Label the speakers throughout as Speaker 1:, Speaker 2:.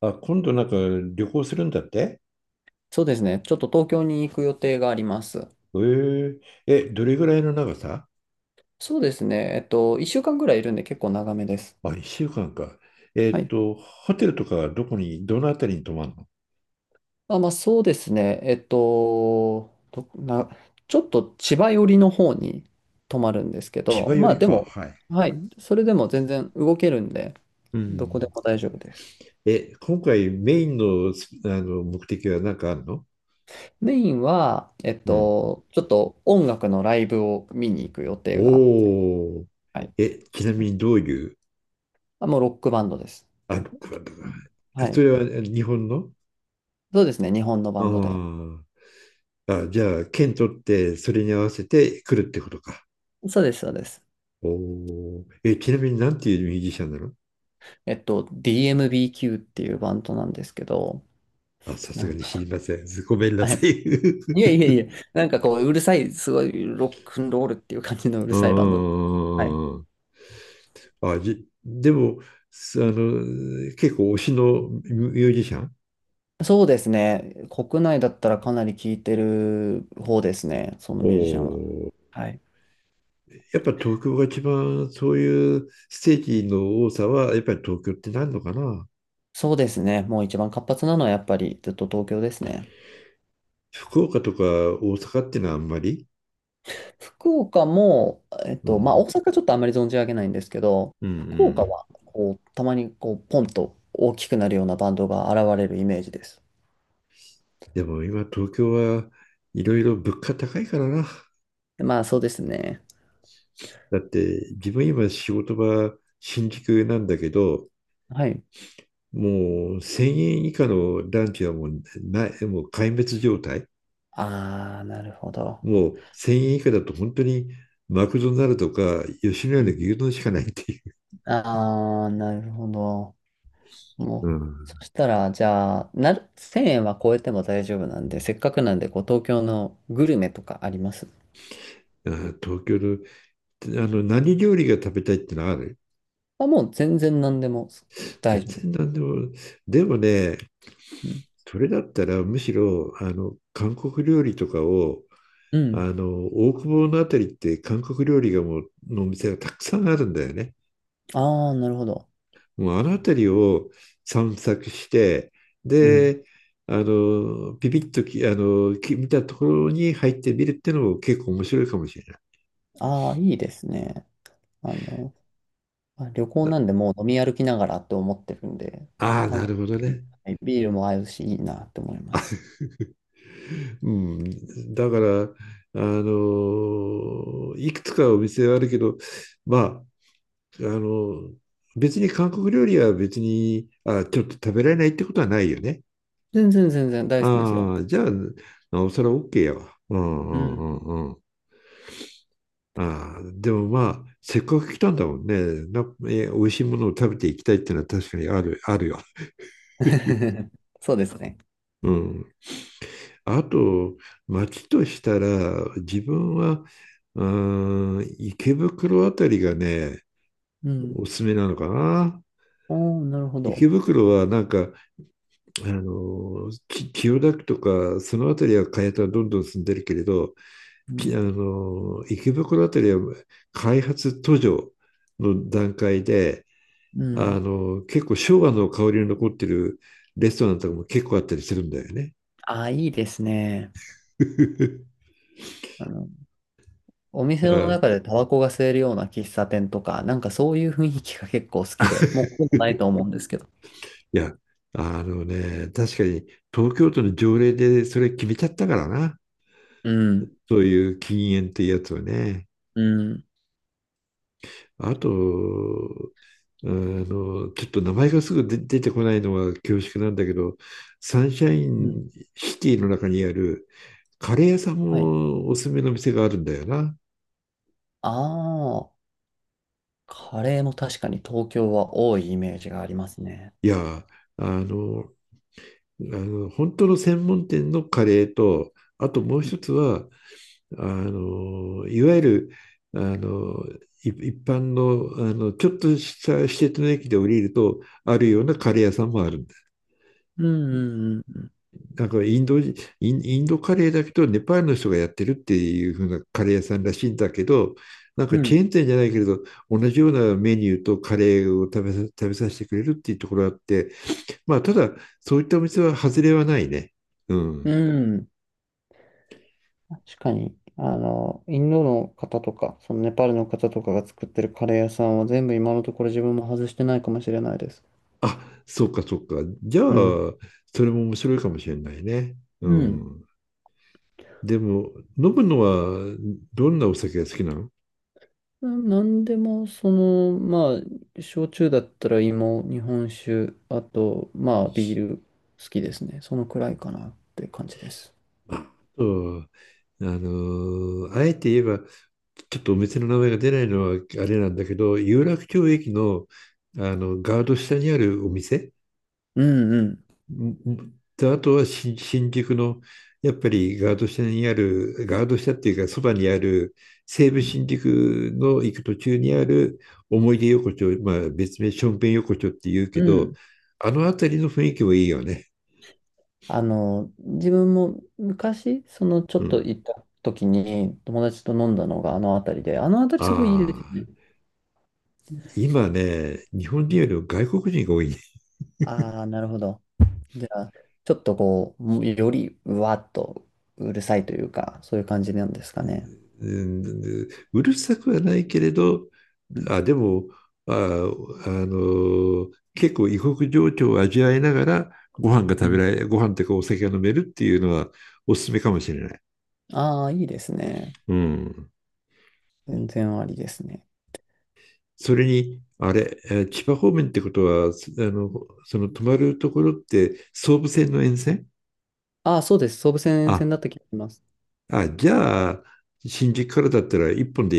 Speaker 1: あ、今度なんか旅行するんだって。
Speaker 2: そうですね。ちょっと東京に行く予定があります。
Speaker 1: えー、え、どれぐらいの長さ？
Speaker 2: そうですね。1週間ぐらいいるんで結構長めです。
Speaker 1: あ、1週間かんか。
Speaker 2: はい。
Speaker 1: ホテルとかどこに、どのあたりに泊まるの？
Speaker 2: あ、まあそうですね。ちょっと千葉寄りの方に泊まるんですけ
Speaker 1: 千
Speaker 2: ど、
Speaker 1: 葉寄
Speaker 2: まあ
Speaker 1: り
Speaker 2: で
Speaker 1: か。
Speaker 2: も、
Speaker 1: はい。
Speaker 2: はい。それでも全然動けるんで、
Speaker 1: う
Speaker 2: どこで
Speaker 1: ん。
Speaker 2: も大丈夫です。
Speaker 1: え、今回メインの、すあの目的は何かあるの？
Speaker 2: メインは、
Speaker 1: うん。
Speaker 2: ちょっと音楽のライブを見に行く予定が、
Speaker 1: おお、
Speaker 2: はい。
Speaker 1: ちなみにどういう？
Speaker 2: あ、もうロックバンドです。
Speaker 1: クワッドが？
Speaker 2: うん。は
Speaker 1: そ
Speaker 2: い。
Speaker 1: れは日本の？
Speaker 2: そうですね。日本の
Speaker 1: あ
Speaker 2: バンドで。
Speaker 1: ー。あ、じゃあ、県取って、それに合わせて来るってことか。
Speaker 2: そうです、そうです。
Speaker 1: おー、ちなみになんていうミュージシャンなの？
Speaker 2: DMBQ っていうバンドなんですけど、
Speaker 1: あ、さ
Speaker 2: な
Speaker 1: す
Speaker 2: ん
Speaker 1: がに知
Speaker 2: か、
Speaker 1: りません。ごめんな
Speaker 2: は
Speaker 1: さ
Speaker 2: い。
Speaker 1: い。
Speaker 2: いえい えいえ、なんかこう、うるさい、すごいロックンロールっていう感じのうる
Speaker 1: うんう
Speaker 2: さいバンドです。はい。
Speaker 1: んうんうん。あ、でも、すあの、結構推しのミュージシャン？
Speaker 2: そうですね。国内だったらかなり聴いてる方ですね、その
Speaker 1: お
Speaker 2: ミュージシャンは。
Speaker 1: ー。
Speaker 2: はい。
Speaker 1: やっぱ東京が一番そういうステージの多さは、やっぱり東京ってなるのかな？
Speaker 2: そうですね。もう一番活発なのはやっぱりずっと東京ですね。
Speaker 1: 福岡とか大阪っていうのはあんまり。
Speaker 2: 福岡も、
Speaker 1: う
Speaker 2: まあ大
Speaker 1: ん。
Speaker 2: 阪ちょっとあんまり存じ上げないんですけど、
Speaker 1: うんう
Speaker 2: 福岡
Speaker 1: ん。
Speaker 2: はこう、たまにこう、ポンと大きくなるようなバンドが現れるイメージです。
Speaker 1: でも今東京はいろいろ物価高いからな。
Speaker 2: まあ、そうですね。
Speaker 1: だって自分今仕事場新宿なんだけど、
Speaker 2: はい。
Speaker 1: もう1000円以下のランチはもうない、もう壊滅状態。
Speaker 2: ああ、なるほど。
Speaker 1: もう1000円以下だと本当にマクドナルドか吉野家
Speaker 2: う
Speaker 1: の
Speaker 2: ん。
Speaker 1: 牛丼しかないっていう。
Speaker 2: ああ、なるほど。も
Speaker 1: う
Speaker 2: う、
Speaker 1: ん、
Speaker 2: そしたら、じゃあ、1000円は超えても大丈夫なんで、せっかくなんで、こう、東京のグルメとかあります？
Speaker 1: あー東京の、あの何料理が食べたいってのある？
Speaker 2: あ、もう全然何でも大
Speaker 1: 全
Speaker 2: 丈夫。
Speaker 1: 然何でも。でもね、
Speaker 2: うん。
Speaker 1: それだったらむしろあの韓国料理とかを。
Speaker 2: う
Speaker 1: あ
Speaker 2: ん。
Speaker 1: の大久保のあたりって韓国料理がもうのお店がたくさんあるんだよね。
Speaker 2: ああ、なるほど。
Speaker 1: もうあの辺りを散策して、
Speaker 2: うん。
Speaker 1: で、あの、ビビッとき、あの、き見たところに入ってみるっていうのも結構面白いかもしれない。
Speaker 2: ああ、いいですね。あの、まあ旅行
Speaker 1: な
Speaker 2: なんでもう飲み歩きながらと思ってるんで、
Speaker 1: ああ、
Speaker 2: 韓
Speaker 1: なるほど
Speaker 2: 国、
Speaker 1: ね。
Speaker 2: はい、ビールも合うし、いいなって思います。
Speaker 1: うん。だから、いくつかお店はあるけど、まあ、あの、別に韓国料理は別に、あ、ちょっと食べられないってことはないよね。
Speaker 2: 全然全然大好きですよ。
Speaker 1: ああ、じゃあ、なおさら OK やわ。う
Speaker 2: う
Speaker 1: んうん
Speaker 2: ん。
Speaker 1: うんうん。ああ、でもまあ、せっかく来たんだもんね。な、美味しいものを食べていきたいっていうのは確かにある、あるよ。
Speaker 2: そうですね。
Speaker 1: うん。あと、街としたら、自分は、うん、池袋あたりがね、
Speaker 2: うん。
Speaker 1: おすすめなのかな。
Speaker 2: おー、なるほど。
Speaker 1: 池袋はなんか、千代田区とか、そのあたりは開発はどんどん進んでるけれど、
Speaker 2: う
Speaker 1: き
Speaker 2: ん。
Speaker 1: あの、池袋あたりは開発途上の段階で、
Speaker 2: うん。
Speaker 1: 結構昭和の香りの残ってるレストランとかも結構あったりするんだよね。
Speaker 2: ああ、いいですね。あの、お店
Speaker 1: だから
Speaker 2: の中でタバコが吸えるような喫茶店とか、なんかそういう雰囲気が結構好きで、もうほとんどないと思うんですけど。
Speaker 1: や、確かに東京都の条例でそれ決めちゃったからな。
Speaker 2: うん。
Speaker 1: そういう禁煙っていうやつはね。
Speaker 2: うん。
Speaker 1: あと、ちょっと名前がすぐ出てこないのは恐縮なんだけど、サンシャイ
Speaker 2: うん。
Speaker 1: ンシティの中にあるカレー屋さん
Speaker 2: はい。
Speaker 1: もおすすめの店があるんだよな。
Speaker 2: ああ、カレーも確かに東京は多いイメージがありますね。
Speaker 1: いや、あの、本当の専門店のカレーと、あともう
Speaker 2: うん。
Speaker 1: 一つは、あの、いわゆる、あの、一般の、ちょっとした施鉄の駅で降りると、あるようなカレー屋さんもある。
Speaker 2: うん。うん。
Speaker 1: なんかインドカレーだけど、ネパールの人がやってるっていう風なカレー屋さんらしいんだけど、なんか
Speaker 2: う
Speaker 1: チェ
Speaker 2: ん。
Speaker 1: ーン店じゃないけれど、同じようなメニューとカレーを食べさせてくれるっていうところがあって、まあ、ただ、そういったお店は外れはないね。う
Speaker 2: う
Speaker 1: ん。
Speaker 2: ん。確かに、あの、インドの方とか、そのネパールの方とかが作ってるカレー屋さんは全部今のところ自分も外してないかもしれないです。
Speaker 1: あ、そうかそうか。じゃ
Speaker 2: うん。
Speaker 1: あ、それも面白いかもしれないね。う
Speaker 2: うん。
Speaker 1: ん。でも、飲むのはどんなお酒が好きなの？
Speaker 2: なんでも、その、まあ、焼酎だったら芋、日本酒、あと、まあ、ビール好きですね。そのくらいかなって感じです。
Speaker 1: あそう。あえて言えば、ちょっとお店の名前が出ないのはあれなんだけど、有楽町駅の、あのガード下にあるお店。
Speaker 2: うんうん。
Speaker 1: んで、あとは新宿の、やっぱりガード下にある、ガード下っていうか、そばにある、西武
Speaker 2: うん
Speaker 1: 新宿の行く途中にある思い出横丁、まあ別名ションペン横丁って言うけ
Speaker 2: う
Speaker 1: ど、
Speaker 2: ん。
Speaker 1: あの辺りの雰囲気もいいよね。
Speaker 2: あの、自分も昔、その、ちょ
Speaker 1: う
Speaker 2: っと
Speaker 1: ん。
Speaker 2: 行った時に友達と飲んだのがあの辺りで、あの辺り
Speaker 1: あ
Speaker 2: すごいいいですよ
Speaker 1: あ、
Speaker 2: ね。
Speaker 1: 今ね、日本人よりも外国人が多いね。
Speaker 2: ああ、なるほど。じゃあ、ちょっとこう、もうよりうわっとうるさいというか、そういう感じなんですかね。
Speaker 1: うん、うるさくはないけれど、
Speaker 2: うん。
Speaker 1: あ、でも、あ、結構異国情緒を味わいながら、ご飯が
Speaker 2: う
Speaker 1: 食べ
Speaker 2: ん。
Speaker 1: られ、ご飯というかお酒が飲めるっていうのはおすすめかもしれない。
Speaker 2: ああ、いいですね。
Speaker 1: うん。
Speaker 2: 全然ありですね。
Speaker 1: それに、あれ、千葉方面ってことは、すあの、その泊まるところって総武線の沿線？
Speaker 2: ああ、そうです。総武線
Speaker 1: あ、
Speaker 2: 線だった気がします。
Speaker 1: あ、じゃあ、新宿からだったら一本で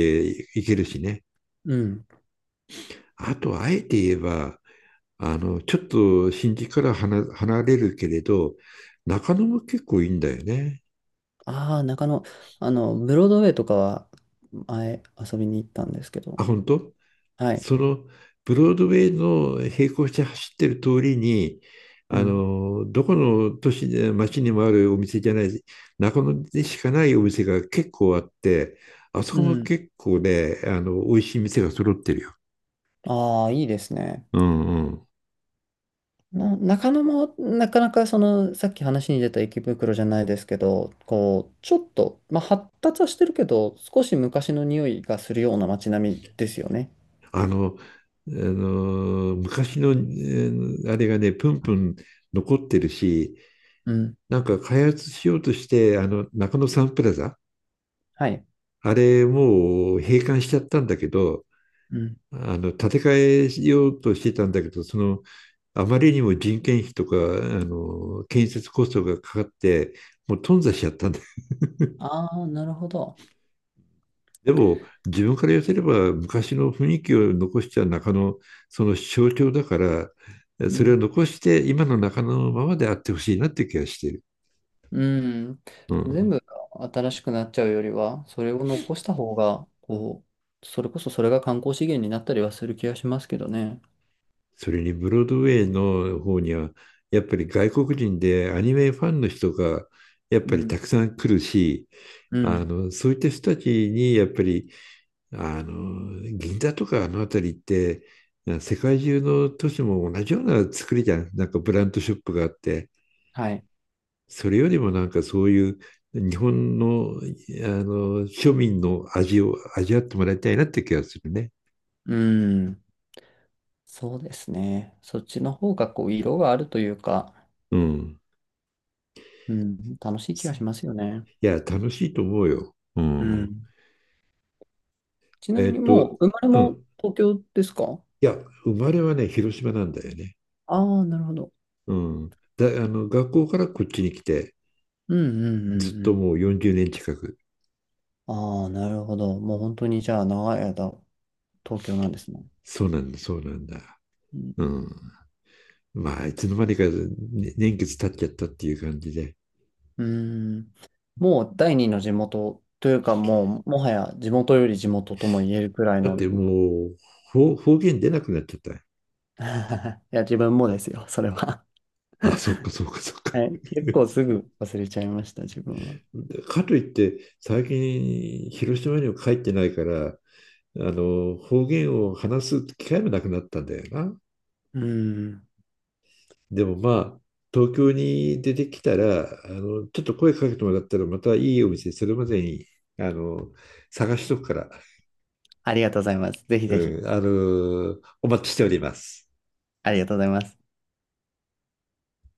Speaker 1: 行けるしね。
Speaker 2: うん。
Speaker 1: あと、あえて言えば、ちょっと新宿から離れるけれど、中野も結構いいんだよね。
Speaker 2: ああ、中野、あの、ブロードウェイとかは前遊びに行ったんですけど。
Speaker 1: あ、本当？
Speaker 2: はい。
Speaker 1: その、ブロードウェイの並行して走ってる通りに、
Speaker 2: うん。
Speaker 1: どこの都市で、街にもあるお店じゃない、中野でしかないお店が結構あって、あそ
Speaker 2: う
Speaker 1: こも
Speaker 2: ん。
Speaker 1: 結構ね、美味しい店が揃ってるよ。
Speaker 2: ああ、いいですね。
Speaker 1: うんうん。
Speaker 2: な、中野もなかなかそのさっき話に出た池袋じゃないですけど、こうちょっと、まあ、発達はしてるけど、少し昔の匂いがするような街並みですよね。
Speaker 1: あの、あの昔の、あれがね、プンプン残ってるし、
Speaker 2: うん。
Speaker 1: なんか開発しようとして、中野サンプラザ、
Speaker 2: はい。
Speaker 1: あれもう閉館しちゃったんだけど、
Speaker 2: うん。
Speaker 1: 建て替えようとしてたんだけど、その、あまりにも人件費とか、建設コストがかかって、もう頓挫しちゃったんだ。
Speaker 2: ああ、なるほど。
Speaker 1: でも、自分から寄せれば、昔の雰囲気を残した中野、その象徴だから、
Speaker 2: う
Speaker 1: それを
Speaker 2: ん。
Speaker 1: 残して、今の中野のままであってほしいなって気がしてる。
Speaker 2: うん。
Speaker 1: う
Speaker 2: 全
Speaker 1: ん。
Speaker 2: 部が新しくなっちゃうよりは、それを残した方が、こう、それこそそれが観光資源になったりはする気がしますけどね。
Speaker 1: それにブロードウェイの方には、やっぱり外国人でアニメファンの人がやっ
Speaker 2: う
Speaker 1: ぱり
Speaker 2: ん。
Speaker 1: たくさん来るし、
Speaker 2: う
Speaker 1: あ
Speaker 2: ん。
Speaker 1: のそういった人たちにやっぱりあの銀座とかあの辺りって世界中の都市も同じような作りじゃん。なんかブランドショップがあって。
Speaker 2: はい。
Speaker 1: それよりもなんかそういう日本のあの庶民の味を味わってもらいたいなって気がするね。
Speaker 2: うん。そうですね。そっちの方がこう色があるというか、
Speaker 1: うん、
Speaker 2: うん、楽しい気がしますよね。
Speaker 1: いや楽しいと思うよ。う
Speaker 2: う
Speaker 1: ん。
Speaker 2: ん。ちな
Speaker 1: え
Speaker 2: みに
Speaker 1: っと、
Speaker 2: もう生まれ
Speaker 1: う
Speaker 2: も
Speaker 1: ん。
Speaker 2: 東京ですか？
Speaker 1: いや、生まれはね、広島なんだよね。
Speaker 2: ああー、なるほど。
Speaker 1: うん。だ、あの、学校からこっちに来て、
Speaker 2: うんうんう
Speaker 1: ずっ
Speaker 2: ん
Speaker 1: と
Speaker 2: う
Speaker 1: もう40年近く。
Speaker 2: ん。ああ、なるほど。もう本当にじゃあ長い間東京なんですね。
Speaker 1: そうなんだ、そうなんだ。
Speaker 2: う
Speaker 1: う
Speaker 2: ん。
Speaker 1: ん。まあ、いつの間にか、ね年月経っちゃったっていう感じで。
Speaker 2: うーん、もう第二の地元というかもうもはや地元より地元とも言えるくらい
Speaker 1: だっ
Speaker 2: の。
Speaker 1: てもう、方言出なくなっちゃった。
Speaker 2: いや自分もですよ、それは。
Speaker 1: あ、そっか、そっか、そっ か。
Speaker 2: はい、結構すぐ忘れちゃいました、自分は。
Speaker 1: かといって、最近、広島には帰ってないから、方言を話す機会もなくなったんだよな。
Speaker 2: うん。
Speaker 1: でもまあ、東京に出てきたら、ちょっと声かけてもらったら、またいいお店、それまでに、あの、探しとくから、
Speaker 2: ありがとうございます。ぜひぜひ、
Speaker 1: うん、お待ちしております。
Speaker 2: ありがとうございます。